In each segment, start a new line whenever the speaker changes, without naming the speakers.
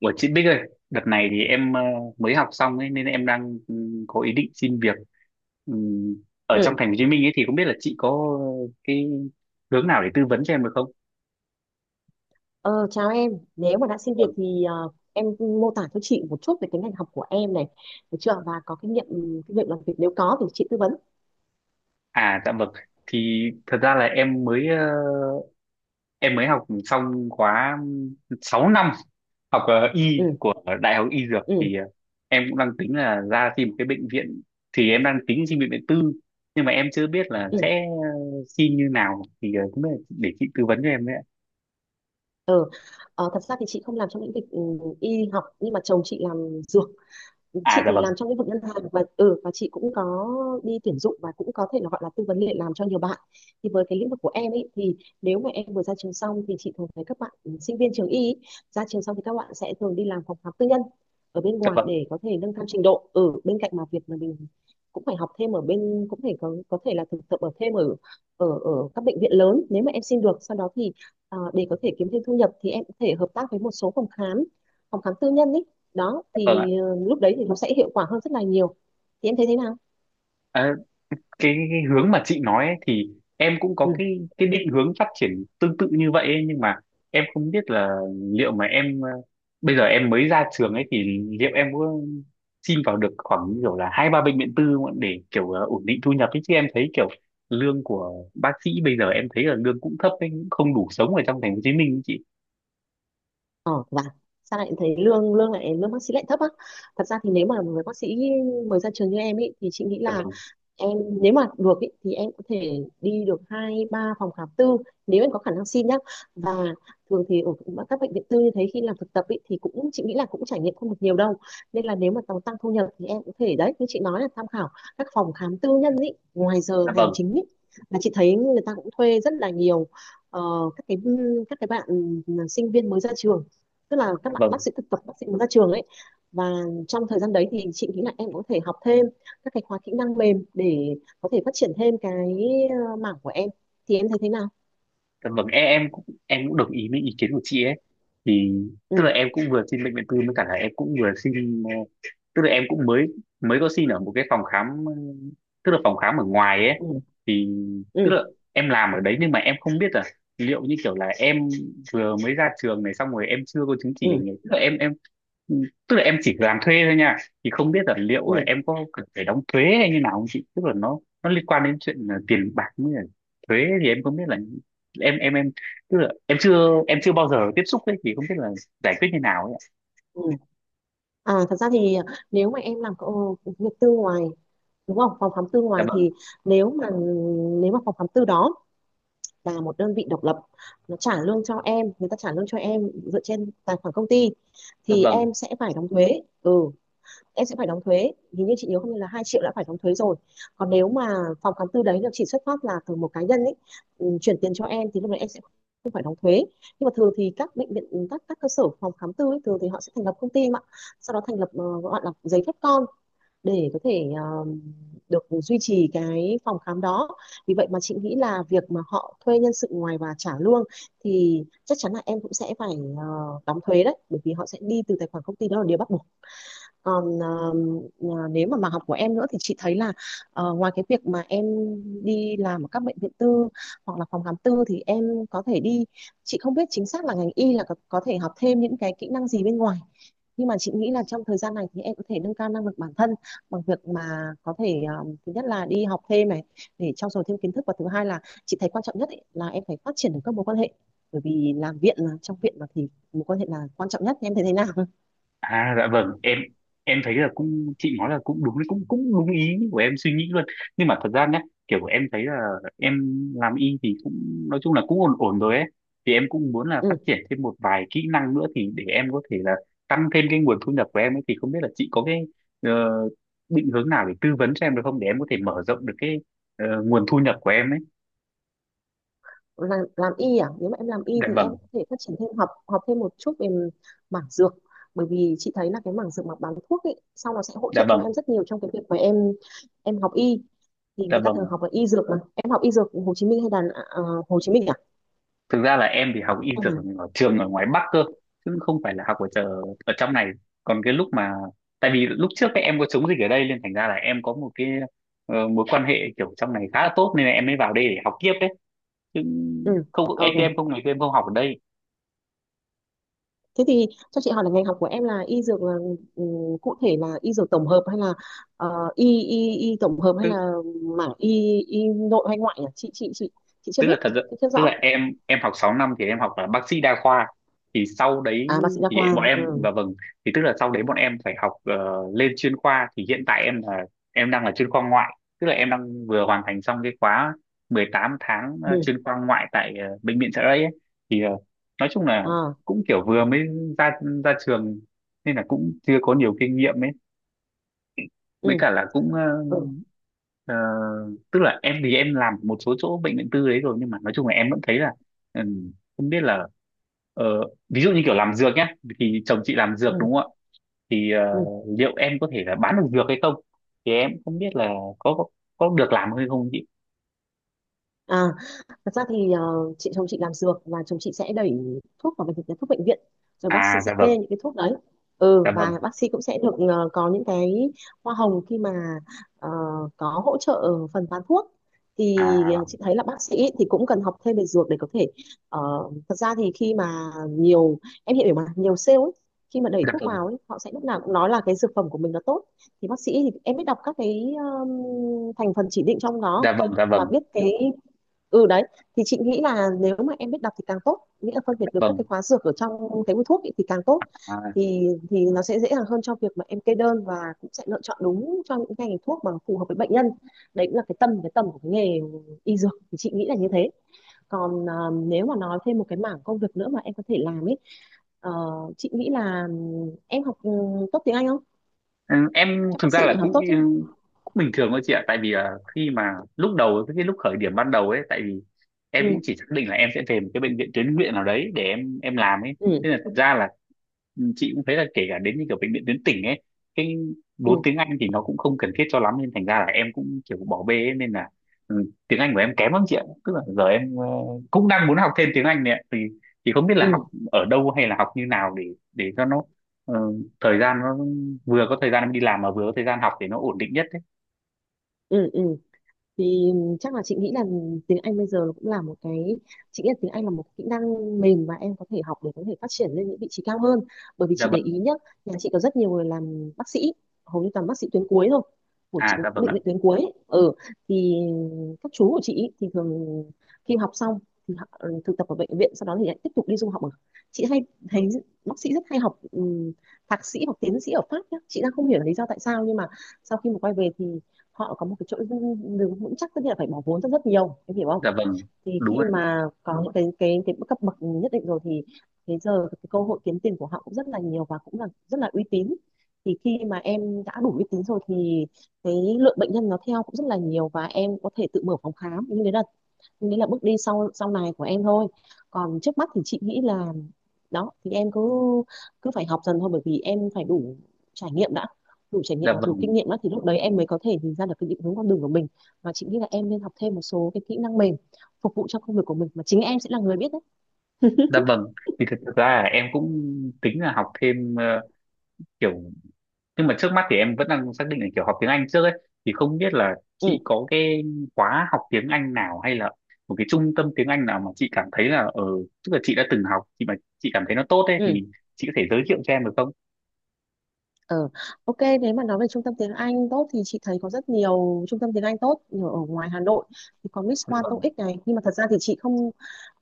Ủa chị Bích ơi, đợt này thì em mới học xong ấy nên em đang có ý định xin việc, ừ, ở
Ừ,
trong thành phố Hồ Chí Minh ấy thì không biết là chị có cái hướng nào để tư vấn cho em được không?
ờ, chào em. Nếu mà đã xin việc
Vâng.
thì em mô tả cho chị một chút về cái ngành học của em này, được chưa? Và có kinh nghiệm kinh nghiệm làm việc nếu có thì chị tư vấn.
À, dạ vâng. Thì thật ra là em mới học xong khóa 6 năm học y
Ừ,
của Đại học Y Dược,
ừ,
thì em cũng đang tính là ra xin một cái bệnh viện, thì em đang tính xin bệnh viện tư, nhưng mà em chưa biết là
ừ.
sẽ xin như nào, thì không biết là để chị tư vấn cho em đấy ạ.
Ờ, thật ra thì chị không làm trong lĩnh vực y học nhưng mà chồng chị làm dược.
À,
Chị
dạ
thì
vâng.
làm trong lĩnh vực ngân hàng và chị cũng có đi tuyển dụng và cũng có thể là gọi là tư vấn việc làm cho nhiều bạn. Thì với cái lĩnh vực của em ấy thì nếu mà em vừa ra trường xong thì chị thường thấy các bạn sinh viên trường y ý, ra trường xong thì các bạn sẽ thường đi làm phòng khám tư nhân ở bên
Dạ
ngoài
vâng.
để có thể nâng cao trình độ ở bên cạnh mà việc mà mình cũng phải học thêm ở bên, cũng phải có thể là thực tập ở thêm ở ở ở các bệnh viện lớn nếu mà em xin được. Sau đó thì để có thể kiếm thêm thu nhập thì em có thể hợp tác với một số phòng khám tư nhân ý. Đó
Dạ vâng ạ.
thì lúc đấy thì nó sẽ hiệu quả hơn rất là nhiều, thì em thấy thế nào?
À, cái hướng mà chị nói ấy, thì em cũng có
Ừ.
cái định hướng phát triển tương tự như vậy ấy, nhưng mà em không biết là liệu mà em, bây giờ em mới ra trường ấy thì liệu em có xin vào được khoảng như kiểu là hai ba bệnh viện tư không ạ? Để kiểu ổn định thu nhập ấy, chứ em thấy kiểu lương của bác sĩ bây giờ em thấy là lương cũng thấp ấy, cũng không đủ sống ở trong thành phố Hồ Chí Minh ấy chị.
Ờ, và sao lại thấy lương lương lại lương bác sĩ lại thấp á? Thật ra thì nếu mà một người bác sĩ mới ra trường như em ý, thì chị nghĩ
Dạ
là
vâng.
em nếu mà được ý, thì em có thể đi được hai ba phòng khám tư nếu em có khả năng xin nhá. Và thường thì ở các bệnh viện tư như thế khi làm thực tập ý, thì cũng chị nghĩ là cũng trải nghiệm không được nhiều đâu, nên là nếu mà tăng tăng thu nhập thì em có thể đấy như chị nói là tham khảo các phòng khám tư nhân ý, ngoài giờ
Dạ vâng.
hành chính ý. Và chị thấy người ta cũng thuê rất là nhiều ờ, các cái các cái bạn sinh viên mới ra trường, tức là các bạn
Dạ vâng.
bác sĩ mới ra trường ấy. Và trong thời gian đấy thì chị nghĩ là em có thể học thêm các cái khóa kỹ năng mềm để có thể phát triển thêm cái mảng của em, thì em thấy thế nào?
Dạ vâng em, em cũng đồng ý với ý kiến của chị ấy, thì
ừ
tức là em cũng vừa xin bệnh viện tư với cả là em cũng vừa xin, tức là em cũng mới mới có xin ở một cái phòng khám, tức là phòng khám ở ngoài ấy,
ừ
thì
ừ
tức là em làm ở đấy nhưng mà em không biết là liệu như kiểu là em vừa mới ra trường này xong rồi em chưa có chứng chỉ hành
ừ
nghề, Ừ, tức là em chỉ làm thuê thôi nha, thì không biết là liệu là
ừ,
em có cần phải đóng thuế hay như nào không chị, tức là nó liên quan đến chuyện là tiền bạc với cả thuế, thì em không biết là em tức là em chưa bao giờ tiếp xúc ấy, thì không biết là giải quyết như nào ấy ạ.
ừ. Thật ra thì nếu mà em việc tư ngoài, đúng không, phòng khám tư
Dạ
ngoài
vâng.
thì nếu mà nếu mà phòng khám tư đó là một đơn vị độc lập, nó trả lương cho em người ta trả lương cho em dựa trên tài khoản công ty
Dạ
thì
vâng.
em sẽ phải đóng thuế. Ừ, em sẽ phải đóng thuế. Hình như chị nhớ không nhầm là 2 triệu đã phải đóng thuế rồi. Còn nếu mà phòng khám tư đấy là chỉ xuất phát là từ một cá nhân ấy, chuyển tiền cho em thì lúc đấy em sẽ không phải đóng thuế. Nhưng mà thường thì các bệnh viện, các cơ sở phòng khám tư ấy, thường thì họ sẽ thành lập công ty mà sau đó thành lập gọi là giấy phép con để có thể được duy trì cái phòng khám đó. Vì vậy mà chị nghĩ là việc mà họ thuê nhân sự ngoài và trả lương thì chắc chắn là em cũng sẽ phải ờ, đóng thuế đấy, bởi vì họ sẽ đi từ tài khoản công ty, đó là điều bắt buộc. Còn mà nếu mà mảng học của em nữa thì chị thấy là ngoài cái việc mà em đi làm ở các bệnh viện tư hoặc là phòng khám tư thì em có thể đi, chị không biết chính xác là ngành y là có thể học thêm những cái kỹ năng gì bên ngoài, nhưng mà chị nghĩ là trong thời gian này thì em có thể nâng cao năng lực bản thân bằng việc mà có thể thứ nhất là đi học thêm này để trau dồi thêm kiến thức, và thứ hai là chị thấy quan trọng nhất ấy, là em phải phát triển được các mối quan hệ, bởi vì làm viện là trong viện mà thì mối quan hệ là quan trọng nhất. Em thấy thế nào?
À dạ vâng, em thấy là cũng chị nói là cũng đúng, cũng cũng đúng ý của em suy nghĩ luôn. Nhưng mà thật ra nhé, kiểu em thấy là em làm y thì cũng nói chung là cũng ổn ổn rồi ấy. Thì em cũng muốn là phát triển thêm một vài kỹ năng nữa thì để em có thể là tăng thêm cái nguồn thu nhập của em ấy, thì không biết là chị có cái ờ, định hướng nào để tư vấn cho em được không, để em có thể mở rộng được cái nguồn thu nhập của em ấy.
Làm y à? Nếu mà em làm y
Dạ
thì em
vâng.
có thể phát triển thêm học học thêm một chút về mảng dược, bởi vì chị thấy là cái mảng dược mà bán thuốc ấy sau nó sẽ hỗ
Dạ
trợ cho
vâng.
em rất nhiều trong cái việc mà em học y. Thì
Dạ
người ta
vâng.
thường học là y dược mà, em học y dược Hồ Chí Minh hay là Hồ Chí Minh à,
Thực ra là em thì học y
hay
dược ở
là
ở trường ở ngoài Bắc cơ, chứ không phải là học ở trong này, còn cái lúc mà tại vì lúc trước các em có chống dịch ở đây nên thành ra là em có một cái mối quan hệ kiểu trong này khá là tốt, nên là em mới vào đây để học tiếp đấy, chứ
ừ
không, em
ok?
em không, ngày xưa em không học ở đây.
Thế thì cho chị hỏi là ngành học của em là y dược là ừ, cụ thể là y dược tổng hợp, hay là ờ, y y y tổng hợp, hay
Tức
là mảng y y nội hay ngoại nhỉ? Chị chưa
tức là
biết,
thật ra-
chị chưa
Tức là
rõ.
em học 6 năm thì em học là bác sĩ đa khoa, thì sau đấy
À, bác sĩ đa
thì
khoa.
bọn em,
ừ.
và vâng, thì tức là sau đấy bọn em phải học lên chuyên khoa, thì hiện tại em là em đang là chuyên khoa ngoại, tức là em đang vừa hoàn thành xong cái khóa 18 tháng
ừ
chuyên khoa ngoại tại bệnh viện Chợ Rẫy ấy. Thì nói chung là
à
cũng kiểu vừa mới ra ra trường, nên là cũng chưa có nhiều kinh nghiệm ấy,
ừ
với cả là
ừ
Ờ, tức là em thì em làm một số chỗ bệnh viện tư đấy rồi, nhưng mà nói chung là em vẫn thấy là ừ, không biết là, ờ, ví dụ như kiểu làm dược nhá, thì chồng chị làm dược
ừ
đúng không ạ? Thì
ừ
liệu em có thể là bán được dược hay không, thì em cũng không biết là có có có được làm hay không chị.
À, thật ra thì chồng chị làm dược và chồng chị sẽ đẩy thuốc vào bệnh viện, thuốc bệnh viện, rồi bác sĩ
À
sẽ
dạ vâng.
kê những cái thuốc đấy. Ừ,
Dạ
và
vâng.
bác sĩ cũng sẽ được có những cái hoa hồng khi mà ờ, có hỗ trợ phần bán thuốc. Thì
À
chị thấy là bác sĩ thì cũng cần học thêm về dược để có thể ờ, thật ra thì khi mà nhiều sale ấy, khi mà đẩy
dạ
thuốc
vâng.
vào ấy, họ sẽ lúc nào cũng nói là cái dược phẩm của mình nó tốt. Thì bác sĩ thì em biết đọc các cái thành phần chỉ định trong đó
Dạ vâng. Dạ
mà
vâng.
biết cái đấy, thì chị nghĩ là nếu mà em biết đọc thì càng tốt, nghĩa là phân biệt
Dạ
được các cái
vâng.
hóa dược ở trong cái hút thuốc ấy thì càng tốt.
À,
Thì nó sẽ dễ dàng hơn cho việc mà em kê đơn, và cũng sẽ lựa chọn đúng cho những ngành thuốc mà phù hợp với bệnh nhân. Đấy cũng là cái tâm, cái tầm của cái nghề y dược, thì chị nghĩ là như thế. Còn à, nếu mà nói thêm một cái mảng công việc nữa mà em có thể làm ấy, ờ, chị nghĩ là em học tốt tiếng Anh không?
ừ, em
Chắc
thực
bác
ra
sĩ phải
là
học
cũng,
tốt chứ.
cũng bình thường thôi chị ạ, tại vì là khi mà lúc đầu cái lúc khởi điểm ban đầu ấy, tại vì em
Ừ,
cũng chỉ xác định là em sẽ về một cái bệnh viện tuyến huyện nào đấy để em làm ấy,
ừ,
nên là thực ra là, chị cũng thấy là kể cả đến như kiểu bệnh viện tuyến tỉnh ấy, cái vốn
ừ,
tiếng Anh thì nó cũng không cần thiết cho lắm, nên thành ra là em cũng kiểu bỏ bê ấy, nên là, tiếng Anh của em kém lắm chị ạ, tức là giờ em cũng đang muốn học thêm tiếng Anh này ạ, thì không biết là học
ừ,
ở đâu hay là học như nào để cho nó ờ, thời gian nó vừa có thời gian em đi làm mà vừa có thời gian học thì nó ổn định nhất ấy.
ừ, ừ. Thì chắc là chị nghĩ là tiếng Anh bây giờ cũng là một cái, chị nghĩ là tiếng Anh là một kỹ năng mềm mà em có thể học để có thể phát triển lên những vị trí cao hơn. Bởi vì
Dạ
chị để
vâng ạ.
ý nhá, nhà chị có rất nhiều người làm bác sĩ, hầu như toàn bác sĩ tuyến cuối thôi, của chị,
À dạ vâng
bệnh
ạ.
viện tuyến cuối ấy. Ừ, thì các chú của chị ý thì thường khi học xong thì họ, thực tập ở bệnh viện, sau đó thì lại tiếp tục đi du học ở, chị hay thấy bác sĩ rất hay học thạc sĩ hoặc tiến sĩ ở Pháp nhá. Chị đang không hiểu lý do tại sao, nhưng mà sau khi mà quay về thì họ có một cái chỗ đứng vững chắc, tất nhiên là phải bỏ vốn rất rất nhiều, em hiểu không?
Dạ vâng.
Thì khi
Đúng ạ.
mà có những cái cấp bậc nhất định rồi thì thế giờ cái cơ hội kiếm tiền của họ cũng rất là nhiều và cũng là rất là uy tín. Thì khi mà em đã đủ uy tín rồi thì cái lượng bệnh nhân nó theo cũng rất là nhiều, và em có thể tự mở phòng khám, nhưng đấy là nghĩ là bước đi sau sau này của em thôi. Còn trước mắt thì chị nghĩ là đó thì em cứ cứ phải học dần thôi, bởi vì em phải đủ trải nghiệm đã, đủ trải
Dạ
nghiệm và đủ
vâng.
kinh nghiệm đã thì lúc đấy em mới có thể nhìn ra được cái định hướng con đường của mình. Và chị nghĩ là em nên học thêm một số cái kỹ năng mềm phục vụ cho công việc của mình, mà chính em sẽ là người biết đấy.
Dạ vâng. Thì thực ra là em cũng tính là học thêm, kiểu, nhưng mà trước mắt thì em vẫn đang xác định là kiểu học tiếng Anh trước ấy, thì không biết là
ừ
chị có cái khóa học tiếng Anh nào hay là một cái trung tâm tiếng Anh nào mà chị cảm thấy là tức là chị đã từng học, chị mà chị cảm thấy nó tốt ấy,
ừ
thì chị có thể giới thiệu cho em được không?
Ờ, ok, nếu mà nói về trung tâm tiếng Anh tốt thì chị thấy có rất nhiều trung tâm tiếng Anh tốt ở ở ngoài Hà Nội. Thì có Miss
Dạ
Hoa
vâng.
TOEIC này, nhưng mà thật ra thì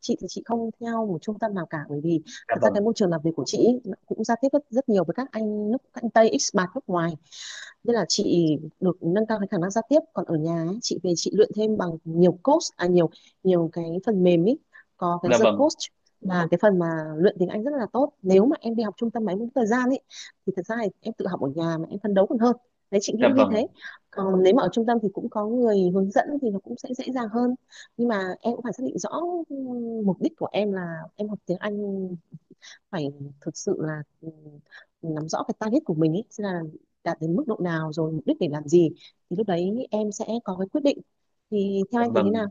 chị thì chị không theo một trung tâm nào cả, bởi vì
Dạ
thật ra cái
vâng.
môi trường làm việc của chị ý nó cũng giao tiếp rất nhiều với các anh Tây expat nước ngoài, nên là chị được nâng cao cái khả năng giao tiếp. Còn ở nhà ấy, chị về chị luyện thêm bằng nhiều coach à nhiều nhiều cái phần mềm ấy, có cái
Dạ
The
vâng.
Coach là cái phần mà luyện tiếng Anh rất là tốt. Nếu mà em đi học trung tâm máy tính thời gian ấy thì thật ra thì em tự học ở nhà mà em phấn đấu còn hơn đấy, chị
Dạ
nghĩ như
vâng.
thế. Còn nếu mà ở trung tâm thì cũng có người hướng dẫn thì nó cũng sẽ dễ dàng hơn, nhưng mà em cũng phải xác định rõ ừ, mục đích của em là em học tiếng Anh phải thực sự là, nắm rõ cái target của mình ấy, xem là đạt đến mức độ nào rồi mục đích để làm gì, thì lúc đấy em sẽ có cái quyết định. Thì theo
Dạ
anh thấy thế
vâng.
nào?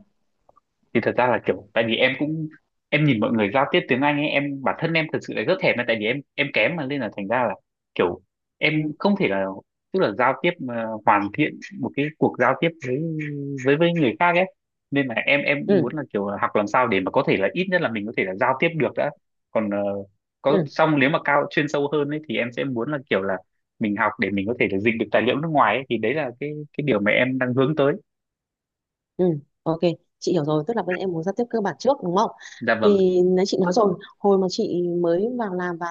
Thì thật ra là kiểu tại vì em cũng em nhìn mọi người giao tiếp tiếng Anh ấy, em bản thân em thật sự là rất thèm, là tại vì em kém mà, nên là thành ra là kiểu em
Ừ.
không thể là, tức là giao tiếp mà hoàn thiện một cái cuộc giao tiếp với với người khác ấy, nên là em
Ừ.
muốn là kiểu là học làm sao để mà có thể là ít nhất là mình có thể là giao tiếp được đã, còn có
Ừ.
xong nếu mà cao chuyên sâu hơn ấy thì em sẽ muốn là kiểu là mình học để mình có thể là dịch được tài liệu nước ngoài ấy. Thì đấy là cái điều mà em đang hướng tới.
Ừ, ok, chị hiểu rồi, tức là bây giờ em muốn giao tiếp cơ bản trước đúng không?
Dạ vâng.
Thì nãy chị nói rồi, hồi mà chị mới vào làm và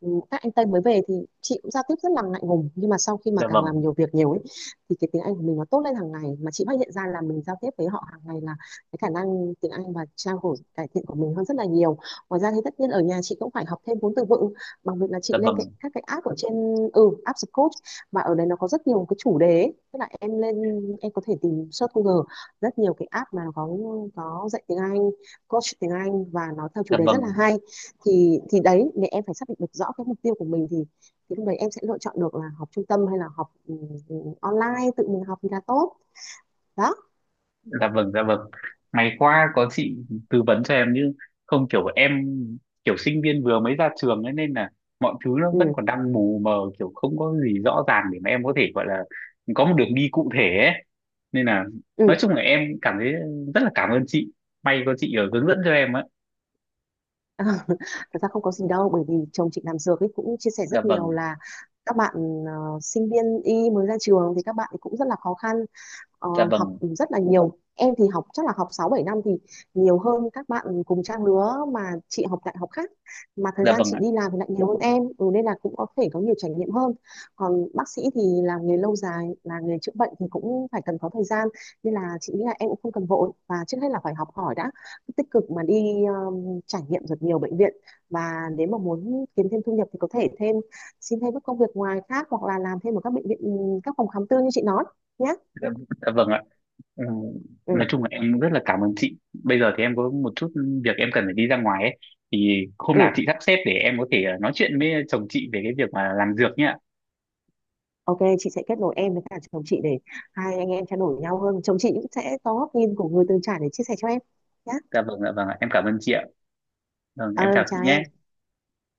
các anh Tây mới về thì chị cũng giao tiếp rất là ngại ngùng, nhưng mà sau khi mà
Dạ
càng làm
vâng.
nhiều việc nhiều ấy thì cái tiếng Anh của mình nó tốt lên hàng ngày, mà chị phát hiện ra là mình giao tiếp với họ hàng ngày là cái khả năng tiếng Anh và trao đổi cải thiện của mình hơn rất là nhiều. Ngoài ra thì tất nhiên ở nhà chị cũng phải học thêm vốn từ vựng bằng việc là chị
Dạ
lên
vâng.
cái các cái app ở trên, app Coach, và ở đây nó có rất nhiều cái chủ đề ấy. Tức là em lên em có thể tìm search Google rất nhiều cái app mà có dạy tiếng Anh, coach tiếng Anh và nó theo chủ
Dạ
đề rất là
vâng.
hay. Thì đấy, để em phải xác định được rõ cái mục tiêu của mình thì lúc đấy em sẽ lựa chọn được là học trung tâm hay là học, online tự mình học thì là tốt. Đó.
Dạ vâng. Dạ vâng. May quá có chị tư vấn cho em chứ không kiểu em kiểu sinh viên vừa mới ra trường ấy, nên là mọi thứ nó vẫn
Ừ.
còn đang mù mờ, kiểu không có gì rõ ràng để mà em có thể gọi là có một đường đi cụ thể ấy, nên là nói
Ừ.
chung là em cảm thấy rất là cảm ơn chị, may có chị ở hướng dẫn cho em á.
Ờ, thật ra không có gì đâu, bởi vì chồng chị làm dược ấy cũng chia sẻ
Dạ
rất nhiều
vâng.
là các bạn sinh viên y mới ra trường thì các bạn ấy cũng rất là khó khăn,
Dạ
học
vâng.
rất là nhiều. Em thì học chắc là học 6 7 năm thì nhiều hơn các bạn cùng trang lứa mà chị học đại học khác, mà thời
Dạ
gian
vâng
chị
ạ.
đi làm thì lại nhiều hơn em, nên là cũng có thể có nhiều trải nghiệm hơn. Còn bác sĩ thì là nghề lâu dài, là nghề chữa bệnh thì cũng phải cần có thời gian, nên là chị nghĩ là em cũng không cần vội, và trước hết là phải học hỏi đã, tích cực mà đi trải nghiệm được nhiều bệnh viện. Và nếu mà muốn kiếm thêm thu nhập thì có thể xin thêm các công việc ngoài khác, hoặc là làm thêm ở các bệnh viện, các phòng khám tư như chị nói nhé.
Dạ, dạ vâng ạ. Ờ,
Ừ.
nói chung là em rất là cảm ơn chị, bây giờ thì em có một chút việc em cần phải đi ra ngoài ấy, thì hôm
Ừ,
nào chị sắp xếp để em có thể nói chuyện với chồng chị về cái việc mà làm dược nhá.
ok, chị sẽ kết nối em với cả chồng chị để hai anh em trao đổi nhau hơn, chồng chị cũng sẽ có góc nhìn của người từng trải để chia sẻ cho em nhé.
Dạ vâng. Dạ vâng ạ. Em cảm ơn chị ạ. Vâng
Ờ,
em chào chị
chào
nhé.
em.